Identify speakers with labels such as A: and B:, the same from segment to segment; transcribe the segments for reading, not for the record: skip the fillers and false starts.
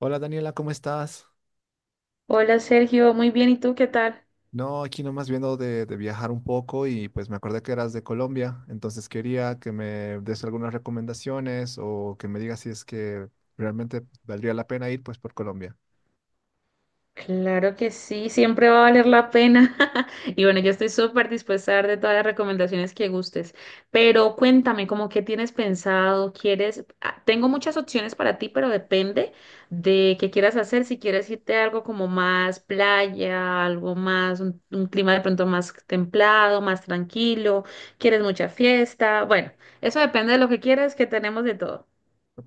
A: Hola Daniela, ¿cómo estás?
B: Hola Sergio, muy bien, ¿y tú qué tal?
A: No, aquí nomás viendo de viajar un poco y pues me acordé que eras de Colombia, entonces quería que me des algunas recomendaciones o que me digas si es que realmente valdría la pena ir pues por Colombia.
B: Claro que sí, siempre va a valer la pena. Y bueno, yo estoy súper dispuesta a dar de todas las recomendaciones que gustes, pero cuéntame, ¿cómo qué tienes pensado? ¿Quieres? Tengo muchas opciones para ti, pero depende de qué quieras hacer. Si quieres irte a algo como más playa, algo más, un clima de pronto más templado, más tranquilo, quieres mucha fiesta. Bueno, eso depende de lo que quieras, que tenemos de todo.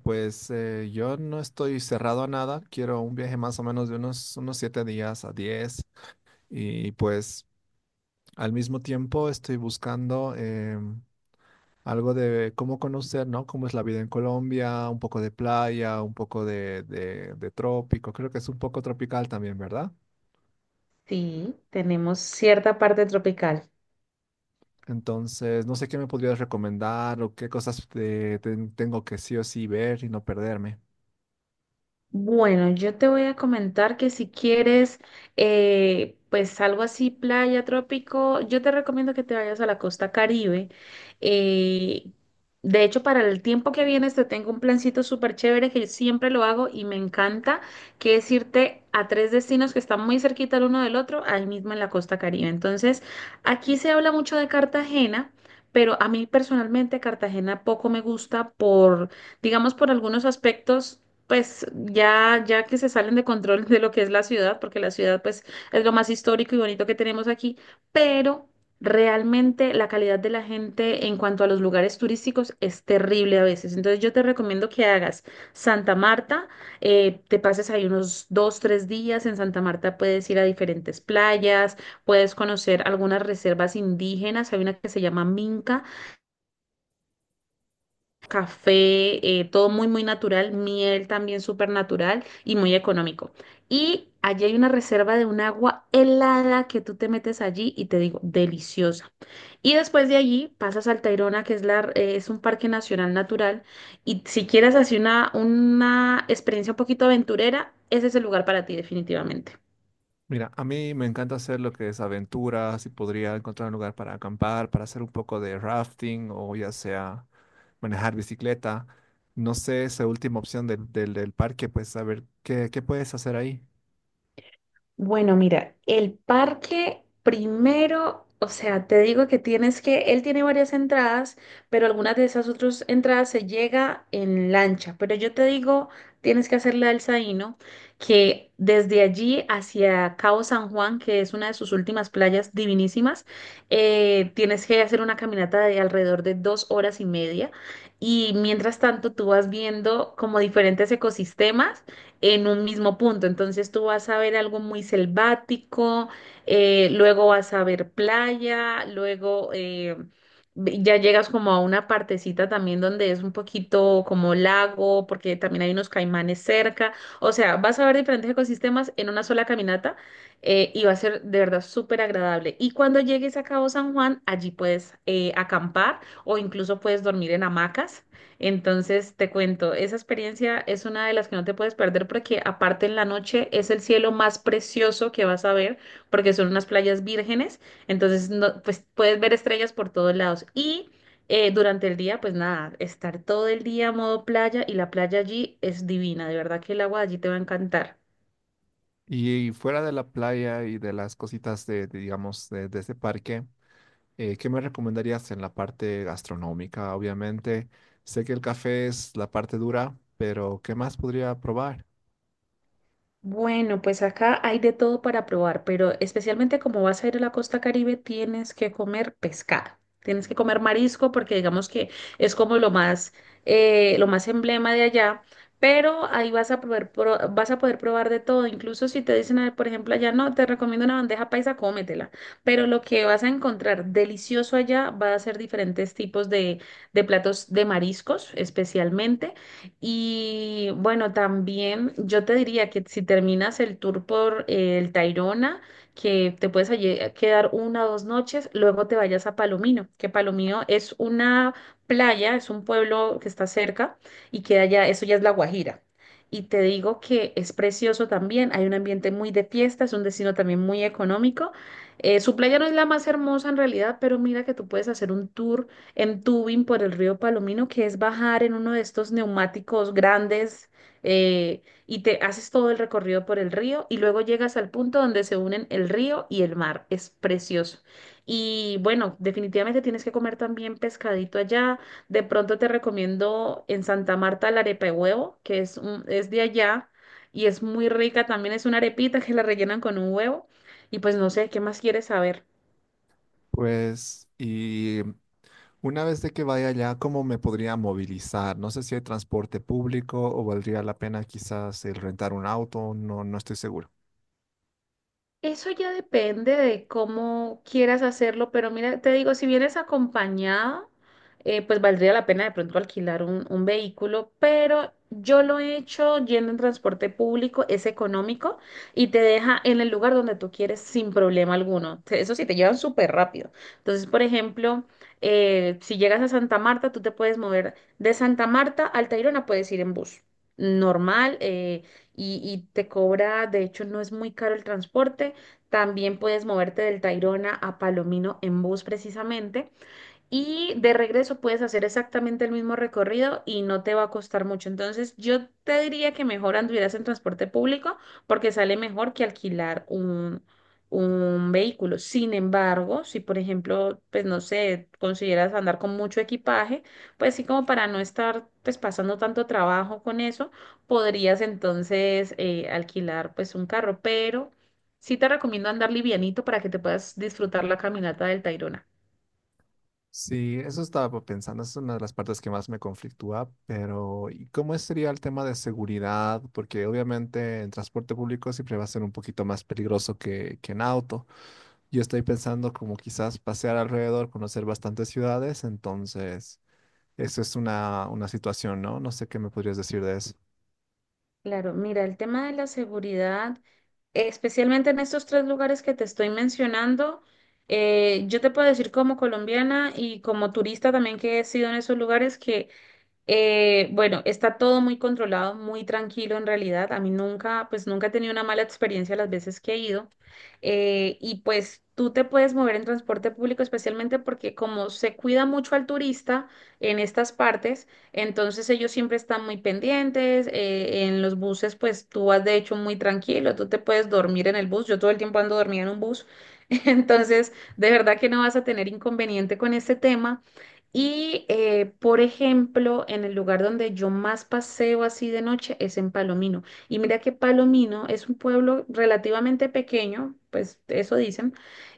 A: Pues yo no estoy cerrado a nada, quiero un viaje más o menos de unos siete días a 10 y pues al mismo tiempo estoy buscando algo de cómo conocer, ¿no? Cómo es la vida en Colombia, un poco de playa, un poco de trópico. Creo que es un poco tropical también, ¿verdad?
B: Sí, tenemos cierta parte tropical.
A: Entonces, no sé qué me podrías recomendar o qué cosas tengo que sí o sí ver y no perderme.
B: Bueno, yo te voy a comentar que si quieres, pues algo así, playa, trópico, yo te recomiendo que te vayas a la costa Caribe. Eh, de hecho, para el tiempo que vienes te tengo un plancito súper chévere que yo siempre lo hago y me encanta, que es irte a tres destinos que están muy cerquita el uno del otro, ahí mismo en la costa Caribe. Entonces, aquí se habla mucho de Cartagena. Pero a mí personalmente Cartagena poco me gusta por, digamos, por algunos aspectos pues ya que se salen de control de lo que es la ciudad, porque la ciudad pues es lo más histórico y bonito que tenemos aquí, pero realmente la calidad de la gente en cuanto a los lugares turísticos es terrible a veces. Entonces yo te recomiendo que hagas Santa Marta, te pases ahí unos 2, 3 días. En Santa Marta puedes ir a diferentes playas, puedes conocer algunas reservas indígenas, hay una que se llama Minca café, todo muy, muy natural, miel también súper natural y muy económico. Y allí hay una reserva de un agua helada que tú te metes allí y te digo, deliciosa. Y después de allí pasas al Tayrona, que es, la, es un parque nacional natural. Y si quieres hacer una experiencia un poquito aventurera, ese es el lugar para ti definitivamente.
A: Mira, a mí me encanta hacer lo que es aventuras y podría encontrar un lugar para acampar, para hacer un poco de rafting o ya sea manejar bicicleta. No sé, esa última opción del parque, pues a ver qué puedes hacer ahí.
B: Bueno, mira, el parque primero, o sea, te digo que tienes que, él tiene varias entradas, pero algunas de esas otras entradas se llega en lancha. Pero yo te digo, tienes que hacer la del Saíno, que desde allí hacia Cabo San Juan, que es una de sus últimas playas divinísimas, tienes que hacer una caminata de alrededor de 2 horas y media. Y mientras tanto, tú vas viendo como diferentes ecosistemas en un mismo punto. Entonces tú vas a ver algo muy selvático, luego vas a ver playa, luego ya llegas como a una partecita también donde es un poquito como lago, porque también hay unos caimanes cerca. O sea, vas a ver diferentes ecosistemas en una sola caminata y va a ser de verdad súper agradable. Y cuando llegues a Cabo San Juan, allí puedes acampar o incluso puedes dormir en hamacas. Entonces, te cuento, esa experiencia es una de las que no te puedes perder porque aparte en la noche es el cielo más precioso que vas a ver porque son unas playas vírgenes, entonces no, pues puedes ver estrellas por todos lados y durante el día, pues nada, estar todo el día modo playa y la playa allí es divina, de verdad que el agua allí te va a encantar.
A: Y fuera de la playa y de las cositas digamos, de ese parque, ¿qué me recomendarías en la parte gastronómica? Obviamente, sé que el café es la parte dura, pero ¿qué más podría probar?
B: Bueno, pues acá hay de todo para probar, pero especialmente como vas a ir a la costa Caribe, tienes que comer pescado, tienes que comer marisco porque digamos que es como lo más emblema de allá, pero ahí vas a poder, vas a poder probar de todo, incluso si te dicen, ah, por ejemplo, allá no, te recomiendo una bandeja paisa, cómetela, pero lo que vas a encontrar delicioso allá va a ser diferentes tipos de platos de mariscos especialmente. Y bueno, también yo te diría que si terminas el tour por el Tayrona, que te puedes allí quedar 1 o 2 noches, luego te vayas a Palomino, que Palomino es una playa, es un pueblo que está cerca y queda ya, eso ya es La Guajira. Y te digo que es precioso también, hay un ambiente muy de fiesta, es un destino también muy económico. Su playa no es la más hermosa en realidad, pero mira que tú puedes hacer un tour en tubing por el río Palomino, que es bajar en uno de estos neumáticos grandes y te haces todo el recorrido por el río y luego llegas al punto donde se unen el río y el mar. Es precioso. Y bueno, definitivamente tienes que comer también pescadito allá. De pronto te recomiendo en Santa Marta la arepa de huevo, que es, es de allá y es muy rica. También es una arepita que la rellenan con un huevo. Y pues no sé, ¿qué más quieres saber?
A: Pues, y una vez de que vaya allá, ¿cómo me podría movilizar? No sé si hay transporte público o valdría la pena quizás el rentar un auto, no, no estoy seguro.
B: Eso ya depende de cómo quieras hacerlo, pero mira, te digo, si vienes acompañada, pues valdría la pena de pronto alquilar un vehículo, pero yo lo he hecho yendo en transporte público, es económico y te deja en el lugar donde tú quieres sin problema alguno. Eso sí, te llevan súper rápido. Entonces, por ejemplo, si llegas a Santa Marta, tú te puedes mover de Santa Marta al Tayrona, puedes ir en bus normal. Y te cobra, de hecho no es muy caro el transporte, también puedes moverte del Tayrona a Palomino en bus precisamente. Y de regreso puedes hacer exactamente el mismo recorrido y no te va a costar mucho. Entonces, yo te diría que mejor anduvieras en transporte público porque sale mejor que alquilar un vehículo. Sin embargo, si por ejemplo, pues no sé, consideras andar con mucho equipaje, pues sí como para no estar pues pasando tanto trabajo con eso, podrías entonces alquilar pues un carro. Pero sí te recomiendo andar livianito para que te puedas disfrutar la caminata del Tayrona.
A: Sí, eso estaba pensando, es una de las partes que más me conflictúa, pero ¿y cómo sería el tema de seguridad? Porque obviamente en transporte público siempre va a ser un poquito más peligroso que en auto. Yo estoy pensando como quizás pasear alrededor, conocer bastantes ciudades, entonces eso es una situación, ¿no? No sé qué me podrías decir de eso.
B: Claro, mira, el tema de la seguridad, especialmente en estos tres lugares que te estoy mencionando, yo te puedo decir como colombiana y como turista también que he sido en esos lugares que bueno, está todo muy controlado, muy tranquilo en realidad. A mí nunca, pues nunca he tenido una mala experiencia las veces que he ido. Y pues tú te puedes mover en transporte público, especialmente porque como se cuida mucho al turista en estas partes, entonces ellos siempre están muy pendientes. En los buses, pues tú vas de hecho muy tranquilo, tú te puedes dormir en el bus. Yo todo el tiempo ando dormida en un bus. Entonces, de verdad que no vas a tener inconveniente con este tema. Y, por ejemplo, en el lugar donde yo más paseo así de noche es en Palomino. Y mira que Palomino es un pueblo relativamente pequeño, pues eso dicen.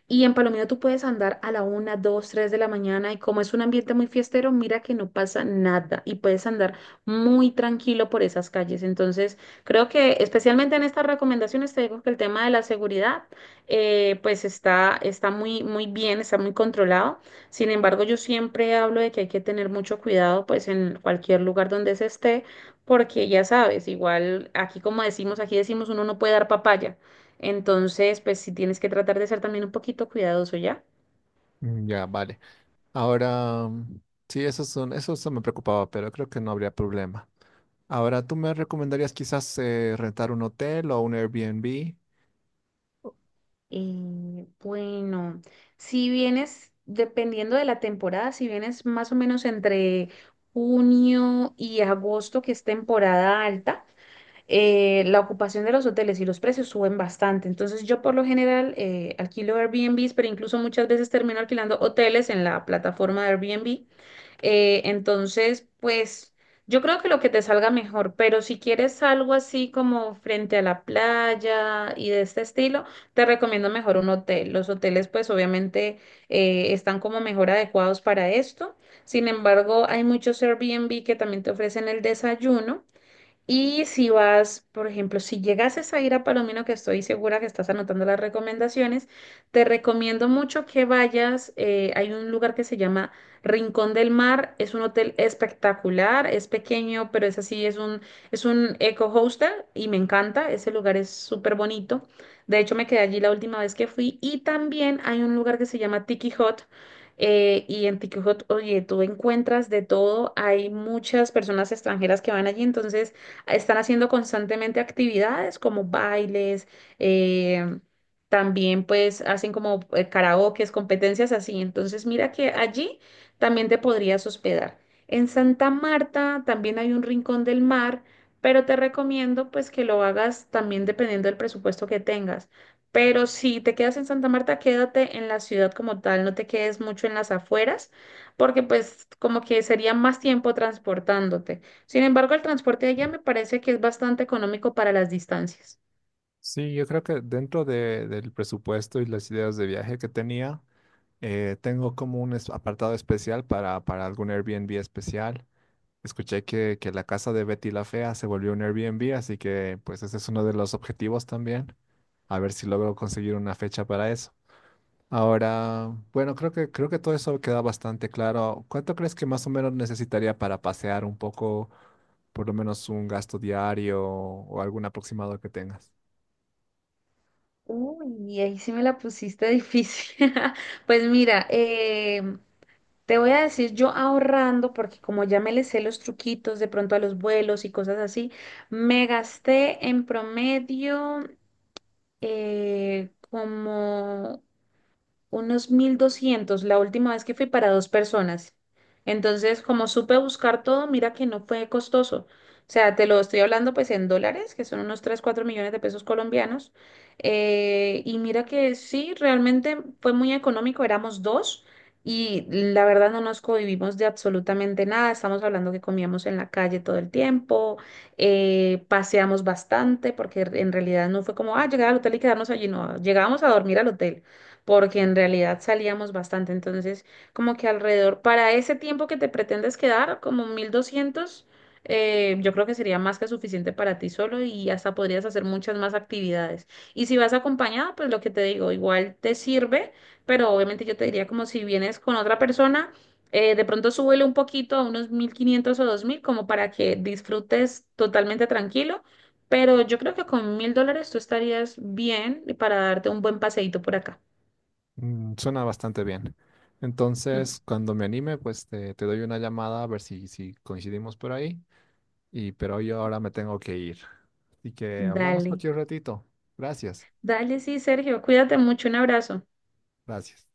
B: Y en Palomino tú puedes andar a la una, dos, tres de la mañana y como es un ambiente muy fiestero, mira que no pasa nada y puedes andar muy tranquilo por esas calles. Entonces, creo que especialmente en estas recomendaciones te digo que el tema de la seguridad, pues está, está muy, muy bien, está muy controlado. Sin embargo, yo siempre hablo de que hay que tener mucho cuidado, pues en cualquier lugar donde se esté, porque ya sabes, igual aquí como decimos, aquí decimos uno no puede dar papaya. Entonces, pues sí tienes que tratar de ser también un poquito cuidadoso, ¿ya?
A: Mm, ya, vale. Ahora, sí, eso son, eso me preocupaba, pero creo que no habría problema. Ahora, ¿tú me recomendarías quizás rentar un hotel o un Airbnb?
B: Y bueno, si vienes, dependiendo de la temporada, si vienes más o menos entre junio y agosto, que es temporada alta, la ocupación de los hoteles y los precios suben bastante. Entonces yo por lo general alquilo Airbnbs, pero incluso muchas veces termino alquilando hoteles en la plataforma de Airbnb. Entonces, pues yo creo que lo que te salga mejor, pero si quieres algo así como frente a la playa y de este estilo, te recomiendo mejor un hotel. Los hoteles pues obviamente están como mejor adecuados para esto. Sin embargo, hay muchos Airbnb que también te ofrecen el desayuno. Y si vas, por ejemplo, si llegases a ir a Palomino, que estoy segura que estás anotando las recomendaciones, te recomiendo mucho que vayas. Hay un lugar que se llama Rincón del Mar. Es un hotel espectacular, es pequeño, pero es así, es un eco hostel y me encanta. Ese lugar es súper bonito. De hecho, me quedé allí la última vez que fui. Y también hay un lugar que se llama Tiki Hot. Y en Tiki Hot, oye, tú encuentras de todo. Hay muchas personas extranjeras que van allí, entonces están haciendo constantemente actividades como bailes, eh, también pues hacen como karaokes, competencias así. Entonces mira que allí también te podrías hospedar. En Santa Marta también hay un rincón del mar, pero te recomiendo pues que lo hagas también dependiendo del presupuesto que tengas. Pero si te quedas en Santa Marta, quédate en la ciudad como tal, no te quedes mucho en las afueras, porque pues como que sería más tiempo transportándote. Sin embargo, el transporte allá me parece que es bastante económico para las distancias.
A: Sí, yo creo que dentro del presupuesto y las ideas de viaje que tenía, tengo como un apartado especial para algún Airbnb especial. Escuché que la casa de Betty la Fea se volvió un Airbnb, así que pues ese es uno de los objetivos también. A ver si logro conseguir una fecha para eso. Ahora, bueno, creo creo que todo eso queda bastante claro. ¿Cuánto crees que más o menos necesitaría para pasear un poco, por lo menos un gasto diario o algún aproximado que tengas?
B: Uy, ahí sí me la pusiste difícil. Pues mira, te voy a decir yo ahorrando, porque como ya me le sé los truquitos de pronto a los vuelos y cosas así, me gasté en promedio como unos 1200 la última vez que fui para dos personas. Entonces, como supe buscar todo, mira que no fue costoso. O sea, te lo estoy hablando pues en dólares, que son unos 3 4 millones de pesos colombianos. Y mira que sí, realmente fue muy económico, éramos dos y la verdad no nos cohibimos de absolutamente nada. Estamos hablando que comíamos en la calle todo el tiempo, paseamos bastante porque en realidad no fue como, ah, llegar al hotel y quedarnos allí, no, llegábamos a dormir al hotel porque en realidad salíamos bastante. Entonces, como que alrededor, para ese tiempo que te pretendes quedar, como 1200, yo creo que sería más que suficiente para ti solo y hasta podrías hacer muchas más actividades. Y si vas acompañada, pues lo que te digo, igual te sirve, pero obviamente yo te diría como si vienes con otra persona. De pronto súbele un poquito a unos 1500 o 2000 como para que disfrutes totalmente tranquilo, pero yo creo que con $1000 tú estarías bien para darte un buen paseíto por acá.
A: Mm, suena bastante bien. Entonces, cuando me anime, pues te doy una llamada a ver si coincidimos por ahí. Y pero yo ahora me tengo que ir. Así que hablamos
B: Dale,
A: cualquier ratito. Gracias.
B: dale, sí, Sergio, cuídate mucho, un abrazo.
A: Gracias.